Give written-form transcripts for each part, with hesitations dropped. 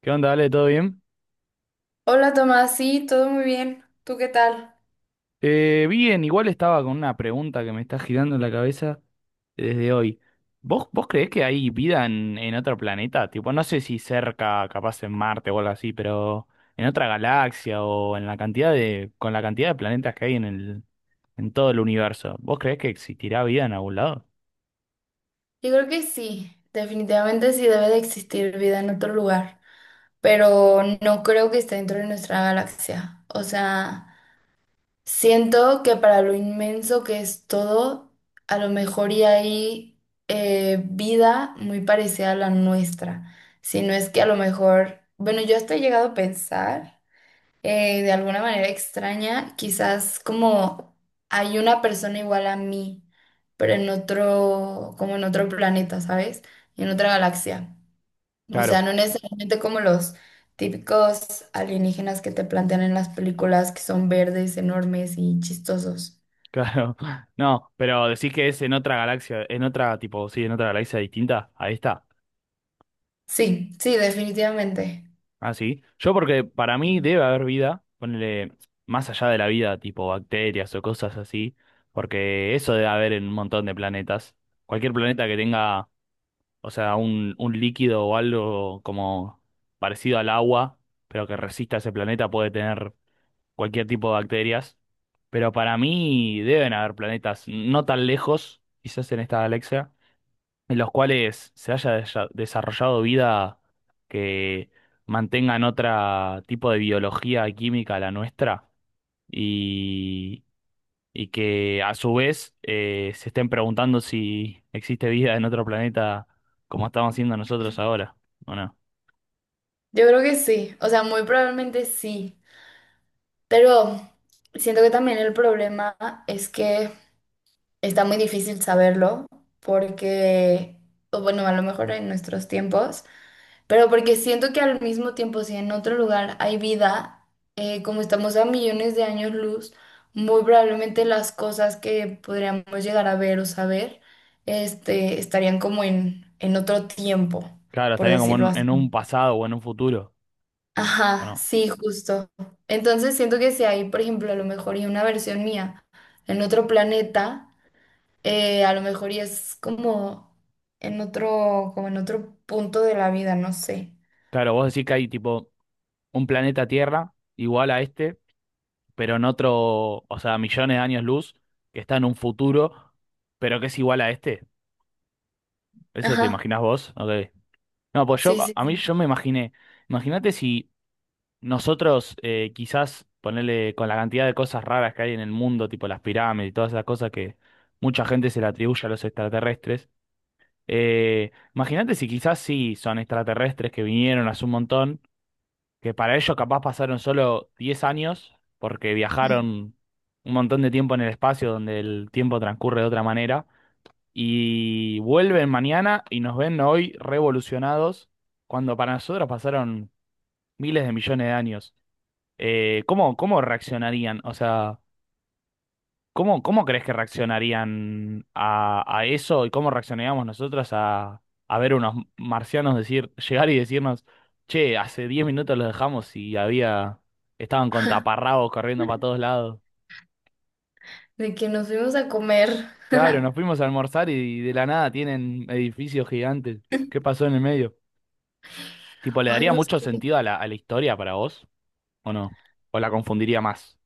¿Qué onda, Ale? ¿Todo bien? Hola Tomás, sí, todo muy bien. ¿Tú qué tal? Bien, igual estaba con una pregunta que me está girando en la cabeza desde hoy. ¿Vos creés que hay vida en otro planeta? Tipo, no sé si cerca, capaz en Marte o algo así, pero en otra galaxia o en la cantidad de, con la cantidad de planetas que hay en todo el universo. ¿Vos creés que existirá vida en algún lado? Yo creo que sí, definitivamente sí debe de existir vida en otro lugar, pero no creo que esté dentro de nuestra galaxia. O sea, siento que para lo inmenso que es todo, a lo mejor y hay vida muy parecida a la nuestra. Si no es que a lo mejor, bueno, yo hasta he llegado a pensar. De alguna manera extraña, quizás como hay una persona igual a mí, pero en otro, como en otro planeta, ¿sabes? En otra galaxia. O sea, Claro, no necesariamente como los típicos alienígenas que te plantean en las películas, que son verdes, enormes y chistosos. claro. No, pero decís que es en otra galaxia, tipo, sí, en otra galaxia distinta. Ahí está. Sí, sí, definitivamente. Ah, sí. Yo porque para mí debe haber vida, ponele más allá de la vida, tipo bacterias o cosas así, porque eso debe haber en un montón de planetas. Cualquier planeta que tenga, o sea, un líquido o algo como parecido al agua, pero que resista a ese planeta, puede tener cualquier tipo de bacterias. Pero para mí deben haber planetas no tan lejos, quizás en esta galaxia en los cuales se haya desarrollado vida que mantengan otro tipo de biología y química a la nuestra y, y que a su vez se estén preguntando si existe vida en otro planeta como estamos haciendo nosotros ahora, ¿o no? Yo creo que sí, o sea, muy probablemente sí, pero siento que también el problema es que está muy difícil saberlo porque, o bueno, a lo mejor en nuestros tiempos, pero porque siento que al mismo tiempo, si en otro lugar hay vida, como estamos a millones de años luz, muy probablemente las cosas que podríamos llegar a ver o saber, este, estarían como en otro tiempo, Claro, por estarían como decirlo en un así. pasado o en un futuro, ¿o Ajá, no? sí, justo. Entonces siento que si hay, por ejemplo, a lo mejor y una versión mía en otro planeta a lo mejor y es como en otro punto de la vida, no sé. Claro, vos decís que hay tipo un planeta Tierra igual a este pero en otro, o sea, millones de años luz, que está en un futuro, pero que es igual a este. ¿Eso te Ajá, imaginás vos? Ok. No, pues yo, sí, a sí, a mí sí. yo me imaginé, imagínate si nosotros quizás ponerle con la cantidad de cosas raras que hay en el mundo, tipo las pirámides y todas esas cosas que mucha gente se le atribuye a los extraterrestres, imagínate si quizás sí son extraterrestres que vinieron hace un montón, que para ellos capaz pasaron solo 10 años, porque Mm. viajaron un montón de tiempo en el espacio donde el tiempo transcurre de otra manera, y vuelven mañana y nos ven hoy revolucionados, cuando para nosotros pasaron miles de millones de años. ¿Cómo, cómo reaccionarían? O sea. ¿Cómo, cómo crees que reaccionarían a eso y cómo reaccionaríamos nosotros a ver unos marcianos llegar y decirnos, che, hace 10 minutos los dejamos y había, estaban con taparrabos corriendo para todos lados? De que nos fuimos a comer. Claro, nos fuimos a almorzar y de la nada tienen edificios gigantes. ¿Qué pasó en el medio? Tipo, ¿le Ay, daría no mucho sé. sentido a la historia para vos? ¿O no? ¿O la confundiría más?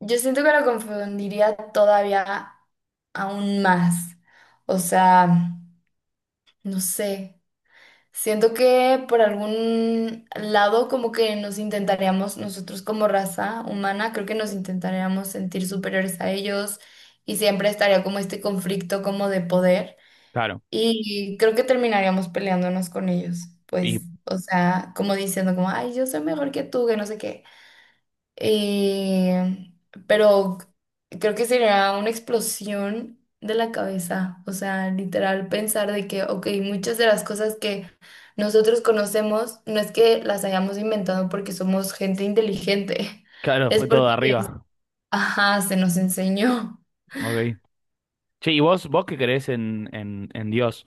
Yo siento que lo confundiría todavía aún más. O sea, no sé. Siento que por algún lado como que nos intentaríamos, nosotros como raza humana, creo que nos intentaríamos sentir superiores a ellos y siempre estaría como este conflicto como de poder Claro. y creo que terminaríamos peleándonos con ellos, Y pues, o sea, como diciendo como, ay, yo soy mejor que tú, que no sé qué. Eh, pero creo que sería una explosión de la cabeza, o sea, literal pensar de que, ok, muchas de las cosas que nosotros conocemos no es que las hayamos inventado porque somos gente inteligente, claro, es fue todo de porque, arriba. ajá, se nos enseñó. Ok. Che, ¿y vos, vos qué crees en Dios?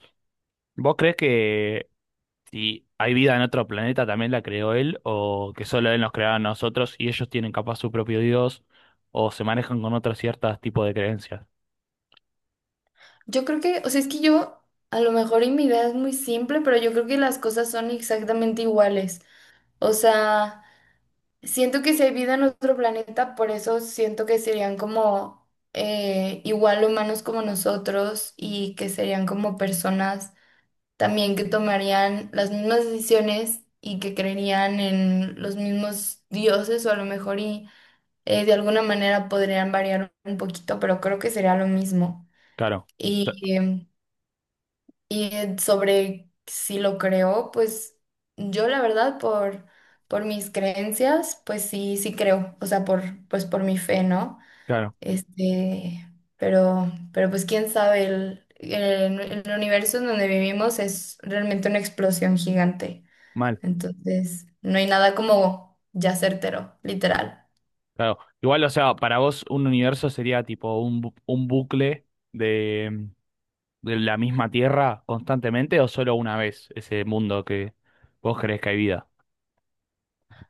¿Vos crees que si hay vida en otro planeta también la creó él o que solo él nos creó a nosotros y ellos tienen capaz su propio Dios o se manejan con otros ciertos tipos de creencias? Yo creo que, o sea, es que yo, a lo mejor y mi idea es muy simple, pero yo creo que las cosas son exactamente iguales, o sea... Siento que si hay vida en otro planeta, por eso siento que serían como igual humanos como nosotros y que serían como personas también que tomarían las mismas decisiones y que creerían en los mismos dioses o a lo mejor y de alguna manera podrían variar un poquito, pero creo que sería lo mismo. Claro, o sea, Y em, sobre si lo creo, pues yo la verdad por mis creencias, pues sí, sí creo, o sea, por, pues por mi fe, ¿no? claro, Este, pero pues quién sabe, el universo en donde vivimos es realmente una explosión gigante, mal, entonces no hay nada como ya certero, literal. claro. Igual, o sea, para vos un universo sería tipo un bucle de, de la misma Tierra constantemente o solo una vez ese mundo que vos crees que hay vida.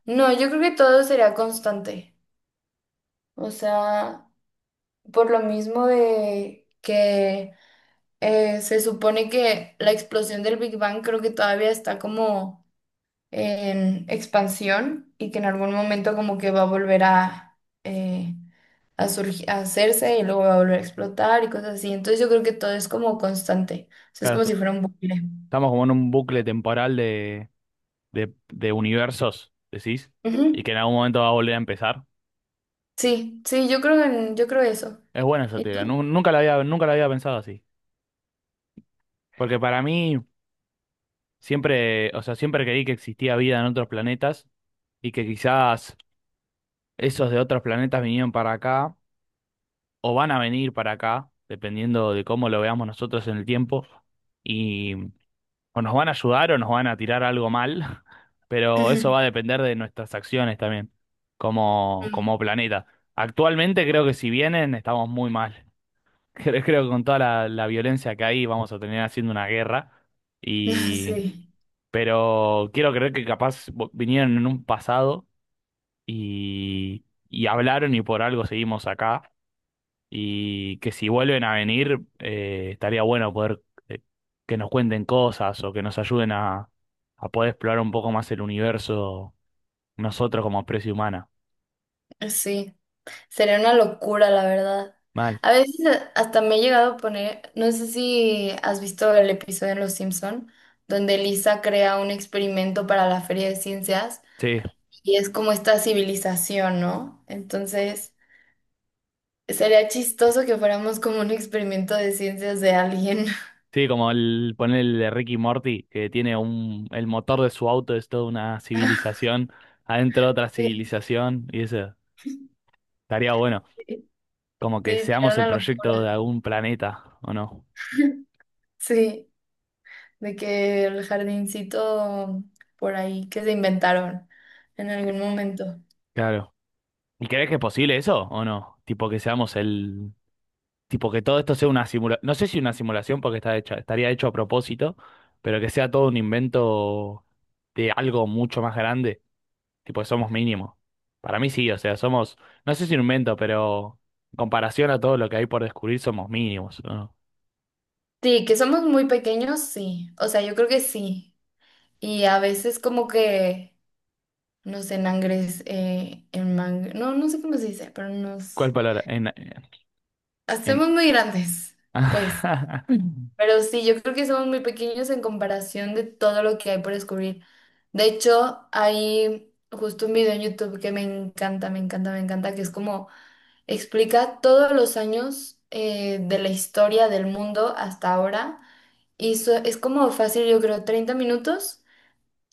No, yo creo que todo sería constante, o sea, por lo mismo de que... se supone que la explosión del Big Bang creo que todavía está como en expansión y que en algún momento como que va a volver eh, a surgi- a hacerse y luego va a volver a explotar y cosas así. Entonces yo creo que todo es como constante. O sea, es Claro, como si fuera un bucle. estamos como en un bucle temporal de universos, decís, y Ujú. que en algún momento va a volver a empezar. Sí, sí, yo creo en, yo creo eso. Es buena esa ¿Y teoría, tú? Nunca la había pensado así. Porque para mí siempre, o sea, siempre creí que existía vida en otros planetas y que quizás esos de otros planetas vinieron para acá o van a venir para acá, dependiendo de cómo lo veamos nosotros en el tiempo, o nos van a ayudar o nos van a tirar algo mal, pero eso va a depender de nuestras acciones también, como, Mm. como planeta. Actualmente creo que si vienen estamos muy mal. Creo, creo que con toda la violencia que hay vamos a tener haciendo una guerra. Y Sí, pero quiero creer que capaz vinieron en un pasado y, y hablaron y por algo seguimos acá, y que si vuelven a venir, estaría bueno poder eh, que nos cuenten cosas o que nos ayuden a poder explorar un poco más el universo nosotros como especie humana. sí. Sería una locura, la verdad. Mal. A veces a- hasta me he llegado a poner, no sé si has visto el episodio en Los Simpson, donde Lisa crea un experimento para la Feria de Ciencias Sí, y es como esta civilización, ¿no? Entonces, sería chistoso que fuéramos como un experimento de ciencias de alguien. sí, como el poner el de Ricky Morty, que tiene un, el motor de su auto es toda una civilización, adentro otra Sí, civilización, y eso estaría bueno, sí, como que sería seamos el una proyecto locura. de algún planeta, ¿o no? Sí, de que el jardincito por ahí que se inventaron en algún momento. Claro. ¿Y crees que es posible eso o no? Tipo que seamos el, tipo que todo esto sea una simulación, no sé si una simulación porque está hecha, estaría hecho a propósito, pero que sea todo un invento de algo mucho más grande, tipo que somos mínimos. Para mí sí, o sea, somos, no sé si un invento, pero en comparación a todo lo que hay por descubrir somos mínimos, ¿no? Sí, que somos muy pequeños, sí. O sea, yo creo que sí. Y a veces como que nos enangres, en no, no sé cómo se dice, pero ¿Cuál nos palabra? En, en. hacemos muy grandes, pues. Pero sí, yo creo que somos muy pequeños en comparación de todo lo que hay por descubrir. De hecho, hay justo un video en YouTube que me encanta, me encanta, me encanta, que es como explica todos los años de la historia del mundo hasta ahora. Y so- es como fácil, yo creo, 30 minutos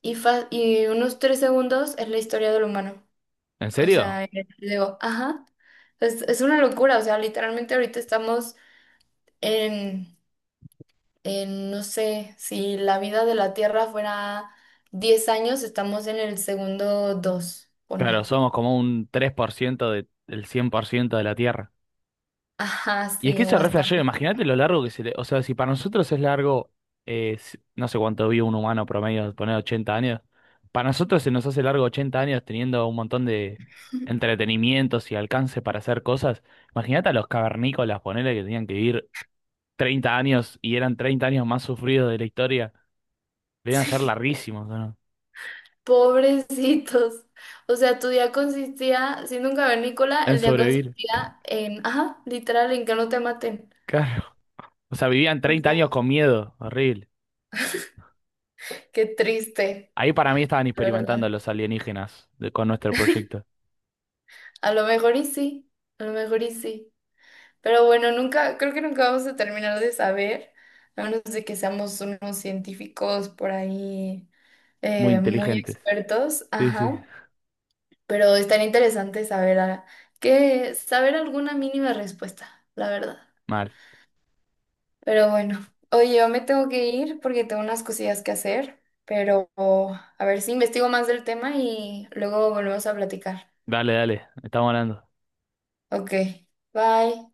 y, fa- y unos 3 segundos es la historia del humano. ¿En O sea, serio? Digo, ajá, es una locura. O sea, literalmente ahorita estamos en, en, no sé, si la vida de la Tierra fuera 10 años, estamos en el segundo 2 Claro, pone. somos como un 3% de, del 100% de la Tierra. Ajá, Y es que sí, eso o es re hasta. flashero, imagínate lo largo que se le. O sea, si para nosotros es largo, no sé cuánto vive un humano promedio, poner 80 años. Para nosotros se nos hace largo 80 años teniendo un montón de entretenimientos y alcance para hacer cosas. Imagínate a los cavernícolas, ponele que tenían que vivir 30 años y eran 30 años más sufridos de la historia. Debían Sí. ser larguísimos, ¿o no? Pobrecitos. O sea, tu día consistía, siendo un cavernícola, En el día sobrevivir. consistía en, ajá, literal, en que no te maten. Claro. O sea, vivían O 30 sea, años con miedo, horrible. qué triste, Ahí para mí estaban la experimentando verdad. los alienígenas con nuestro proyecto. A lo mejor y sí, a lo mejor y sí. Pero bueno, nunca, creo que nunca vamos a terminar de saber, a menos de que seamos unos científicos por ahí Muy muy inteligentes. expertos, Sí, sí, ajá. Pero estaría interesante saber a- que saber alguna mínima respuesta, la verdad. mal. Pero bueno, oye, yo me tengo que ir porque tengo unas cosillas que hacer, pero a ver si investigo más del tema y luego volvemos a platicar. Dale, dale, estamos hablando. Ok, bye.